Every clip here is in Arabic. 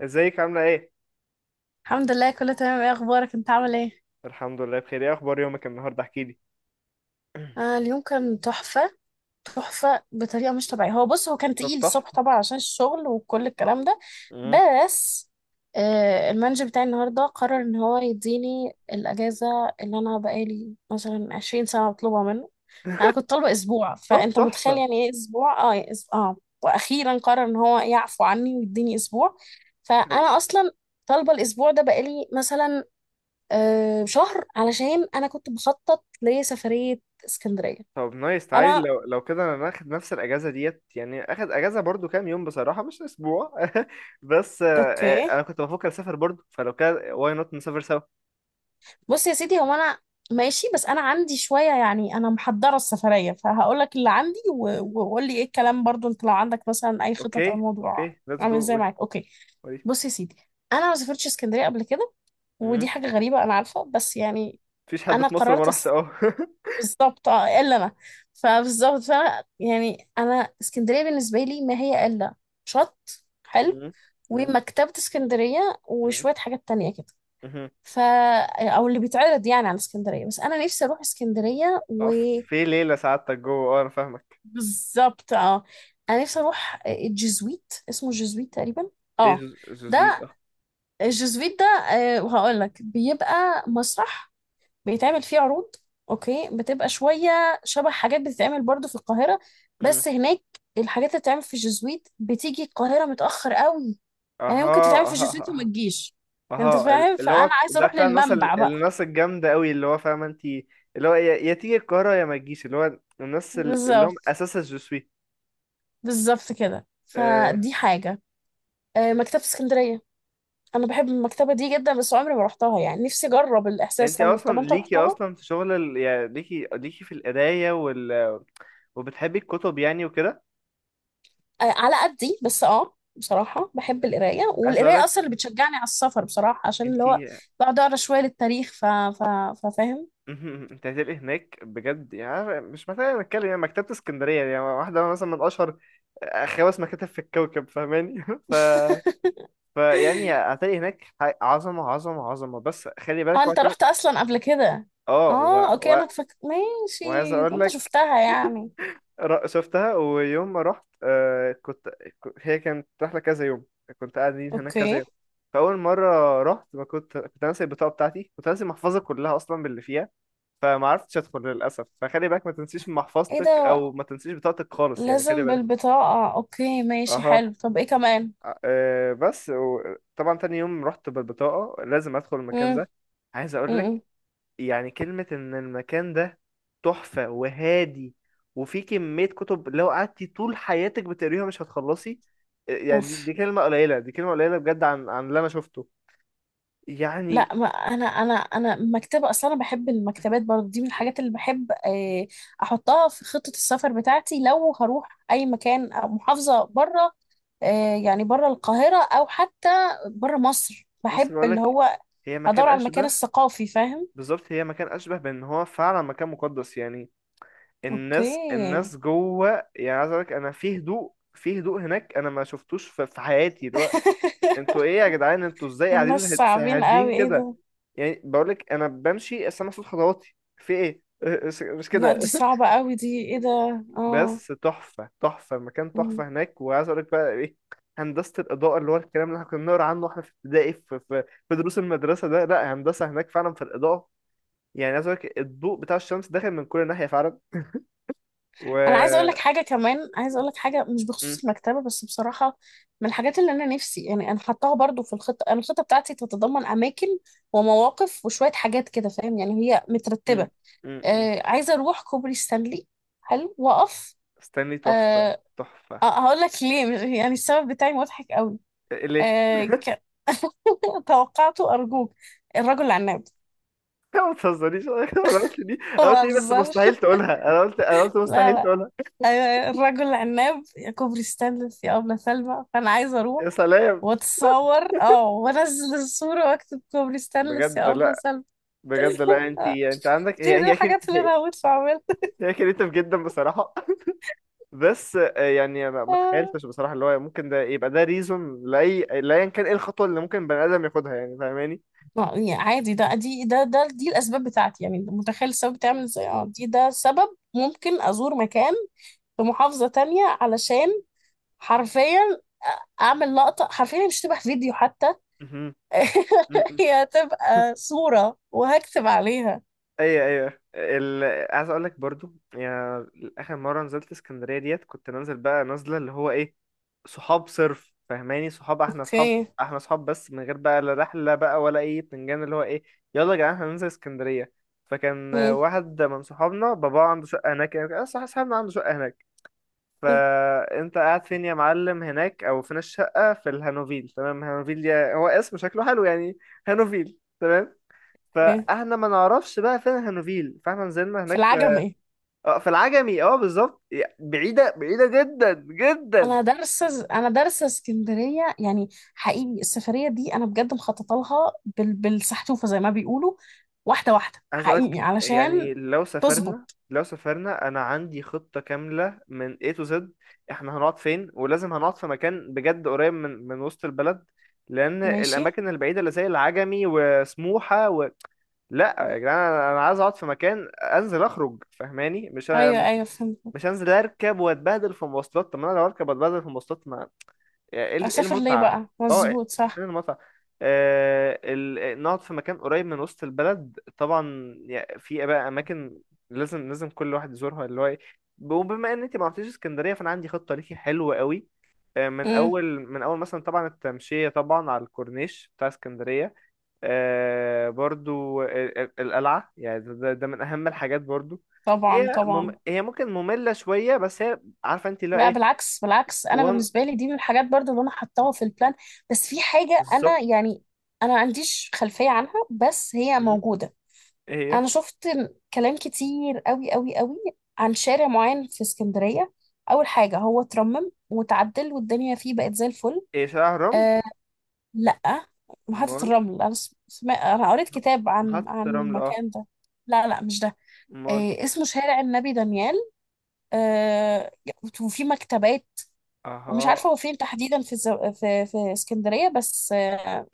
ازيك عاملة ايه؟ الحمد لله، كله تمام. ايه اخبارك؟ انت عامل ايه؟ الحمد لله بخير، ايه اخبار يومك النهاردة؟ احكي لي. اليوم كان تحفه. تحفه بطريقه مش طبيعيه. هو بص، هو كان طب تقيل تحفة. الصبح طبعا عشان الشغل وكل الكلام ده. مم. بس المانجر بتاعي النهارده قرر ان هو يديني الاجازه اللي انا بقالي مثلا 20 سنه مطلوبه منه. انا كنت طالبه اسبوع، طب فانت متخيل تحفة. يعني ايه اسبوع يعني واخيرا قرر ان هو يعفو عني ويديني اسبوع. خل- فانا اصلا طالبه الاسبوع ده بقالي مثلا شهر علشان انا كنت بخطط لسفرية اسكندرية. طب نايس، تعالي انا لو كده انا ناخد نفس الاجازة ديت، يعني اخد اجازة برضو كام يوم بصراحة، مش اسبوع بس اوكي. انا كنت بفكر اسافر برضو، فلو كده واي نوت نسافر سوا. بص يا سيدي، هو انا ماشي. بس انا عندي شوية، يعني انا محضرة السفرية، فهقول لك اللي عندي وقول لي ايه الكلام برضو. انت لو عندك مثلا اي خطط او اوكي الموضوع اوكي، ليتس عامل جو، ازاي قولي. معاك، اوكي. قولي. بص يا سيدي، انا ما سافرتش اسكندرية قبل كده، مم. ودي حاجة غريبة أنا عارفة، بس يعني مفيش حد أنا في مصر ما قررت راحش، اه بالظبط إلا أنا. فبالظبط فأنا يعني أنا اسكندرية بالنسبة لي ما هي إلا شط حلو مم. مم. ومكتبة اسكندرية مم. وشوية حاجات تانية كده. مهم. ف او اللي بيتعرض يعني على اسكندرية، بس انا نفسي اروح اسكندرية. اقف في ليلة سعادتك جوه، اه انا فاهمك. وبالظبط انا نفسي اروح الجزويت، اسمه الجزويت تقريبا ايه اه جو جو سويت ده اه. الجزويت ده وهقول لك بيبقى مسرح بيتعمل فيه عروض. اوكي، بتبقى شوية شبه حاجات بتتعمل برضو في القاهرة، مم. بس هناك الحاجات اللي بتتعمل في الجزويت بتيجي القاهرة متأخر قوي، يعني ممكن اها تتعمل في شتوت وما اها. تجيش. انت اه فاهم، اللي فانا هو عايزه ده اروح بتاع الناس للمنبع بقى. الناس الجامدة قوي، اللي هو فاهمة انت. اللي هو يا يا تيجي القاهرة يا ما تجيش، اللي هو الناس اللي هم بالظبط، اساس الجسوي. بالظبط كده، آه. فدي حاجه. مكتبه اسكندريه، انا بحب المكتبه دي جدا بس عمري ما رحتها، يعني نفسي اجرب الاحساس انت بتاع اصلا المكتبه. انت ليكي رحتها؟ اصلا في شغل يعني ليكي في القراية وبتحبي الكتب يعني وكده. على قدي بس بصراحه بحب القرايه، عايز والقرايه اقولك اصلا اللي بتشجعني على السفر بصراحه، عشان انت اللي هو بقعد اقرا شويه للتاريخ ففاهم. مهم. انت هتبقي هناك بجد يعني. عارفة، مش محتاجة نتكلم، يعني مكتبة اسكندرية يعني واحدة مثلا من اشهر آه، خمس مكاتب في الكوكب، فاهماني ف فيعني هتلاقي هناك عظمة عظمة عظمة، بس خلي اه، بالك انت وقت. رحت اصلا قبل كده. اه اه اوكي، و... انا ماشي. وعايز ده اقول انت لك، شفتها يعني. شفتها ويوم ما رحت آه كنت هي كانت رحلة كذا يوم، كنت قاعدين هناك كذا اوكي. يوم. فأول مرة رحت ما كنت، كنت ناسي البطاقة بتاعتي، كنت ناسي المحفظة كلها أصلا باللي فيها، فما عرفتش أدخل للأسف. فخلي بالك ما تنسيش ايه محفظتك ده، أو ما تنسيش بطاقتك خالص، يعني خلي لازم بالك. بالبطاقة؟ اوكي ماشي، أها. حلو. طب ايه كمان؟ آه، آه، بس و... طبعا تاني يوم رحت بالبطاقة، لازم أدخل المكان امم. ده. عايز أقول لك امم. يعني، كلمة إن المكان ده تحفة وهادي، وفي كمية كتب لو قعدتي طول حياتك بتقريها مش هتخلصي. يعني دي اوف. دي كلمة قليلة، دي كلمة قليلة بجد عن اللي أنا شفته يعني. لا، ما انا مكتبة اصلا، انا بحب المكتبات برضه، دي من الحاجات اللي بحب احطها في خطة السفر بتاعتي لو هروح اي مكان او محافظة بره. يعني بره القاهرة او حتى بره مصر، بس بحب بقول اللي لك، هو هي مكان ادور على المكان أشبه، الثقافي، فاهم. بالظبط هي مكان أشبه بإن هو فعلا مكان مقدس يعني. اوكي. الناس جوه، يعني عايز أقول لك أنا، في هدوء، في هدوء هناك أنا ما شفتوش في حياتي، اللي هو أنتوا إيه يا جدعان، أنتوا إزاي قاعدين الناس صعبين هادين قوي، ايه كده؟ ده. يعني بقول لك انا بمشي بس انا صوت خطواتي في ايه مش لا كده. دي صعبة قوي دي، ايه ده. اه. بس تحفه تحفه المكان، مم. تحفه هناك. وعايز اقول لك بقى ايه، هندسه الاضاءه، اللي هو الكلام اللي احنا كنا بنقرا عنه واحنا في ابتدائي في دروس المدرسه ده، لا هندسه هناك فعلا في الاضاءه. يعني عايز اقول لك الضوء بتاع الشمس داخل من كل ناحيه فعلا. انا عايزة اقول لك و حاجة كمان، عايزة اقول لك حاجة مش م- بخصوص المكتبة بس بصراحة، من الحاجات اللي انا نفسي يعني انا حطاها برضو في الخطة. انا الخطة بتاعتي تتضمن اماكن ومواقف وشوية حاجات كده، فاهم يعني، هي م- مترتبة. م- م. عايزة اروح كوبري ستانلي. حلو، واقف. استني، تحفه آه تحفه. هقول لك ليه، يعني السبب بتاعي مضحك قوي. ليه؟ آه ك... توقعته أرجوك. الرجل العناب. ما تهزرنيش انا قلت دي، انا قلت ما دي، بس بهزرش. مستحيل تقولها. انا قلت، انا قلت لا مستحيل لا. تقولها. أيوة، أيوة. الرجل العناب يا كوبري ستانلي في أبلة سلمى، فأنا عايزة أروح يا سلام. وأتصور وأنزل الصورة وأكتب كوبري ستانلي في بجد أبلة لا. سلمى. بجد لا، انت آه، انت عندك، هي دي من هي كده. الحاجات اللي أنا هموت في أعملها. هي كريتيف جدا بصراحه. بس يعني ما آه. تخيلتش بصراحه، اللي هو ممكن ده يبقى ده ريزون لاي لايا، كان ايه الخطوه اللي ممكن بني ادم ياخدها يعني، فاهماني؟ يعني عادي، ده دي ده ده دي الأسباب بتاعتي. يعني متخيل السبب بتعمل إزاي؟ أه، دي ده سبب ممكن أزور مكان في محافظة تانية علشان حرفيا اعمل لقطه. حرفيا مش تبقى فيديو حتى. مهم. هي هتبقى صوره وهكتب عليها. ايوه ايوه عايز اقول لك برضو يعني، اخر مره نزلت اسكندريه ديت، كنت نازل بقى نازله، اللي هو ايه، صحاب صرف، فاهماني، صحاب، احنا صحاب. اوكي. احنا صحاب بس من غير بقى لا رحله بقى ولا اي بتنجان، اللي هو ايه، يلا يا جدعان هننزل اسكندريه. فكان اوكي واحد من صحابنا باباه عنده شقه هناك، يعني صح، صاحبنا عنده شقه هناك. حلو. فانت قاعد فين يا معلم هناك، او فين الشقه؟ في الهانوفيل. تمام، هانوفيل دي هو اسم شكله حلو يعني، هانوفيل. اوكي. فاحنا ما نعرفش بقى فين هانوفيل، فاحنا نزلنا في هناك في، العجمي، ايه. اه في العجمي، اه بالظبط. بعيدة بعيدة جدا جدا. انا دارسه، اسكندريه يعني. حقيقي السفريه دي انا بجد مخططه لها بالسحتوفه زي ما بيقولوا، واحده واحده، عايز اقولك حقيقي علشان يعني، لو سافرنا، تظبط. لو سافرنا انا عندي خطة كاملة من A to Z. احنا هنقعد فين؟ ولازم هنقعد في مكان بجد قريب من وسط البلد، لان ماشي. الاماكن البعيدة اللي زي العجمي وسموحة لا يا جدعان، أنا عايز اقعد في مكان انزل اخرج، فاهماني، ايوه ايوه، فهمت. مش هنزل اركب واتبهدل في مواصلات. طب ما انا لو اركب واتبهدل في مواصلات ما، يعني ايه، إيه اسافر ليه المتعة؟ بقى، اه، مظبوط، فين صح. المتعة؟ نقعد في مكان قريب من وسط البلد، طبعا يعني في بقى اماكن لازم، كل واحد يزورها، اللي هو إيه. وبما ان انت ما رحتيش اسكندرية، فانا عندي خطة ليكي حلوة قوي. من امم. اول، مثلا طبعا التمشية طبعا على الكورنيش بتاع اسكندرية. آه برضو القلعة، يعني ده من اهم الحاجات برضو. طبعا طبعا. هي ممكن مملة شوية، بس هي عارفة انت اللي هو لا ايه. بالعكس، بالعكس انا وان بالنسبه لي دي من الحاجات برضو اللي انا حطاها في البلان. بس في حاجه انا بالظبط. يعني انا ما عنديش خلفيه عنها بس هي مم. موجوده. هي، انا شفت كلام كتير قوي قوي قوي عن شارع معين في اسكندريه. اول حاجه هو اترمم وتعدل والدنيا فيه بقت زي الفل. ايه شارع رمل؟ أه، لا، محطه امال. الرمل انا انا قريت كتاب عن محطة رمل اه. المكان ده. لا لا مش ده. امال. اسمه شارع النبي دانيال. آه، وفي مكتبات. ومش اها، عارفه هو فين تحديدا في الزو... في في اسكندريه، بس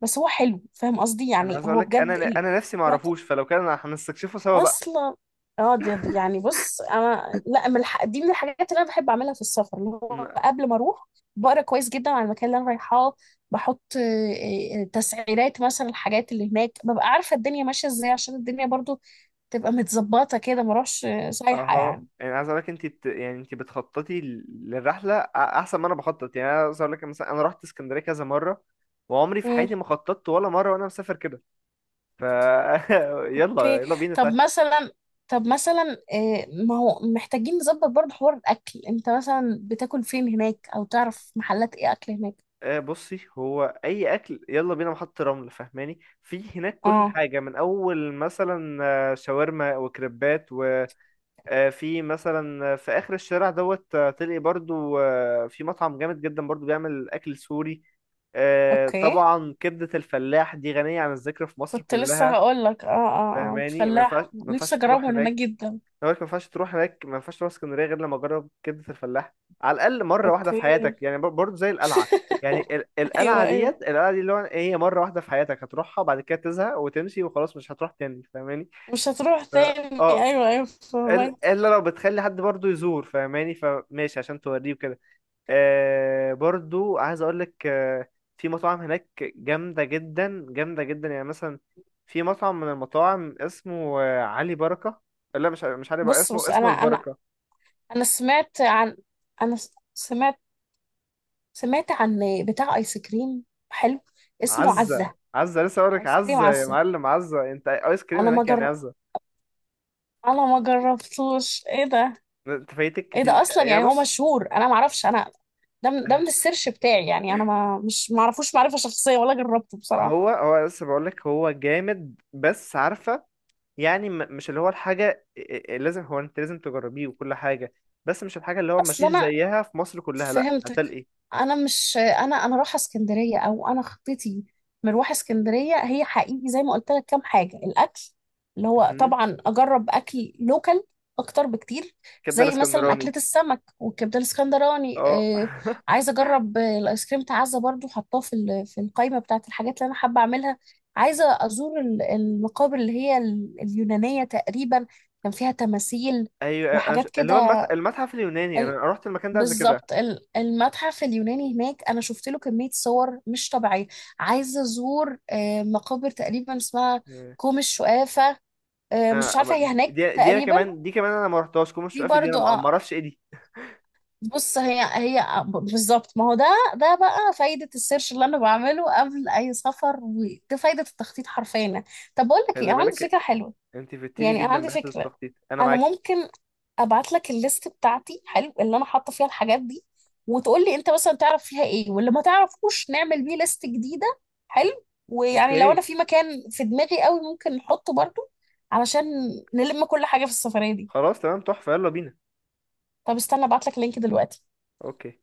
بس هو حلو، فاهم قصدي، انا يعني عايز هو اقولك، انا بجد انا نفسي ما يعني اعرفوش، فلو كان أنا هنستكشفه سوا بقى. اصلا. اه، دي دي يعني بص، انا لا، من دي من الحاجات اللي انا بحب اعملها في السفر، اللي هو م- قبل ما اروح بقرا كويس جدا عن المكان اللي انا رايحاه. بحط تسعيرات مثلا الحاجات اللي هناك، ببقى عارفه الدنيا ماشيه ازاي عشان الدنيا برضو تبقى متظبطه كده، ما اروحش سايحه اها، يعني. يعني عايز اقولك انت يعني انت بتخططي للرحله احسن ما انا بخطط، يعني انا عايز اقولك مثلا، انا رحت اسكندريه كذا مره وعمري في حياتي ما خططت ولا مره وانا مسافر كده. ف يلا اوكي. يلا بينا طب تعالى. مثلا، ما هو محتاجين نظبط برضه حوار الاكل. انت مثلا بتاكل فين هناك او تعرف محلات ايه اكل هناك؟ بصي، هو اي اكل، يلا بينا محطة رمل فاهماني، في هناك كل اه حاجه من اول مثلا شاورما وكريبات. في مثلا في اخر الشارع دوت، تلاقي برضو في مطعم جامد جدا برضو بيعمل اكل سوري. اوكي، طبعا كبدة الفلاح دي غنية عن الذكر في مصر كنت لسه كلها. هقول لك. اه فاهماني، الفلاح ما نفسي ينفعش تروح اجربه من هناك هناك، جدا. أنا بقولك ما ينفعش تروح هناك، ما ينفعش تروح اسكندرية غير لما تجرب كبدة الفلاح على الاقل مرة واحدة في اوكي. حياتك، يعني برضو زي القلعة. يعني ايوه القلعة ايوه، ديت، القلعة دي اللي هو إيه، هي مرة واحدة في حياتك هتروحها، بعد كده تزهق وتمشي وخلاص مش هتروح تاني، فاهماني. مش هتروح ف- تاني، اه ايوه ايوه، فهمك. الا لو بتخلي حد برضو يزور فاهماني، فماشي عشان توريه وكده. آه برضو عايز اقول لك آه، في مطاعم هناك جامده جدا، جامده جدا، يعني مثلا في مطعم من المطاعم اسمه علي بركه. لا مش مش علي بركه، بص اسمه بص، اسمه البركه. انا سمعت عن، سمعت، سمعت عن بتاع ايس كريم حلو، اسمه عزه عزة. عزه، لسه اقول لك ايس كريم عزه، يا عزة. معلم عزه انت، ايس كريم انا ما هناك يعني جر... عزه. انا ما جربتوش، ايه ده. انت فايتك ايه كتير. ده اصلا، يا يعني هو بص مشهور، انا ما اعرفش انا. ده من آه، السيرش بتاعي، يعني انا ما اعرفوش معرفة شخصية ولا جربته بصراحة. هو هو لسه بقول لك هو جامد، بس عارفه يعني مش اللي هو الحاجة لازم، هو انت لازم تجربيه وكل حاجة، بس مش الحاجة اللي هو اصلا مفيش انا زيها في مصر كلها، لا فهمتك. هتلاقي. انا مش انا، رايحه اسكندريه، او انا خطتي مروح اسكندريه هي حقيقي زي ما قلت لك كام حاجه. الاكل اللي هو مهم. طبعا اجرب اكل لوكال اكتر بكتير، كبدة زي مثلا اكله الاسكندراني السمك والكبده الاسكندراني اه. عايزه اجرب الايس كريم تعزه برضو، حطاه في في القائمه بتاعت الحاجات اللي انا حابه اعملها. عايزه ازور المقابر اللي هي اليونانيه تقريبا، كان فيها تماثيل ايوه أنا وحاجات اللي كده. هو المتحف اليوناني، انا رحت المكان ده قبل كده. بالظبط المتحف اليوناني هناك، انا شفت له كميه صور مش طبيعيه. عايزه ازور مقابر تقريبا اسمها آه، كوم الشقافه. مش عارفه، هي هناك دي دي انا تقريبا. كمان، دي كمان انا ما رحتهاش، كوم دي الشقافة دي انا برضو ما اعرفش ايه دي. بص هي بالظبط ما هو ده. ده بقى فايده السيرش اللي انا بعمله قبل اي سفر، ودي فايده التخطيط حرفيا. طب بقول لك ايه، خلي انا عندي بالك. فكره حلوه. انت فدتيني يعني انا جدا عندي بحته فكره، التخطيط، انا انا معاكي. ممكن ابعت لك الليست بتاعتي، حلو، اللي انا حاطه فيها الحاجات دي، وتقول لي انت مثلا تعرف فيها ايه، واللي ما تعرفوش نعمل بيه ليست جديده. حلو. ويعني لو اوكي. انا في مكان في دماغي قوي ممكن نحطه برضو علشان نلم كل حاجه في السفريه دي. خلاص تمام تحفة يلا بينا. طب استنى، ابعت لك لينك دلوقتي. اوكي.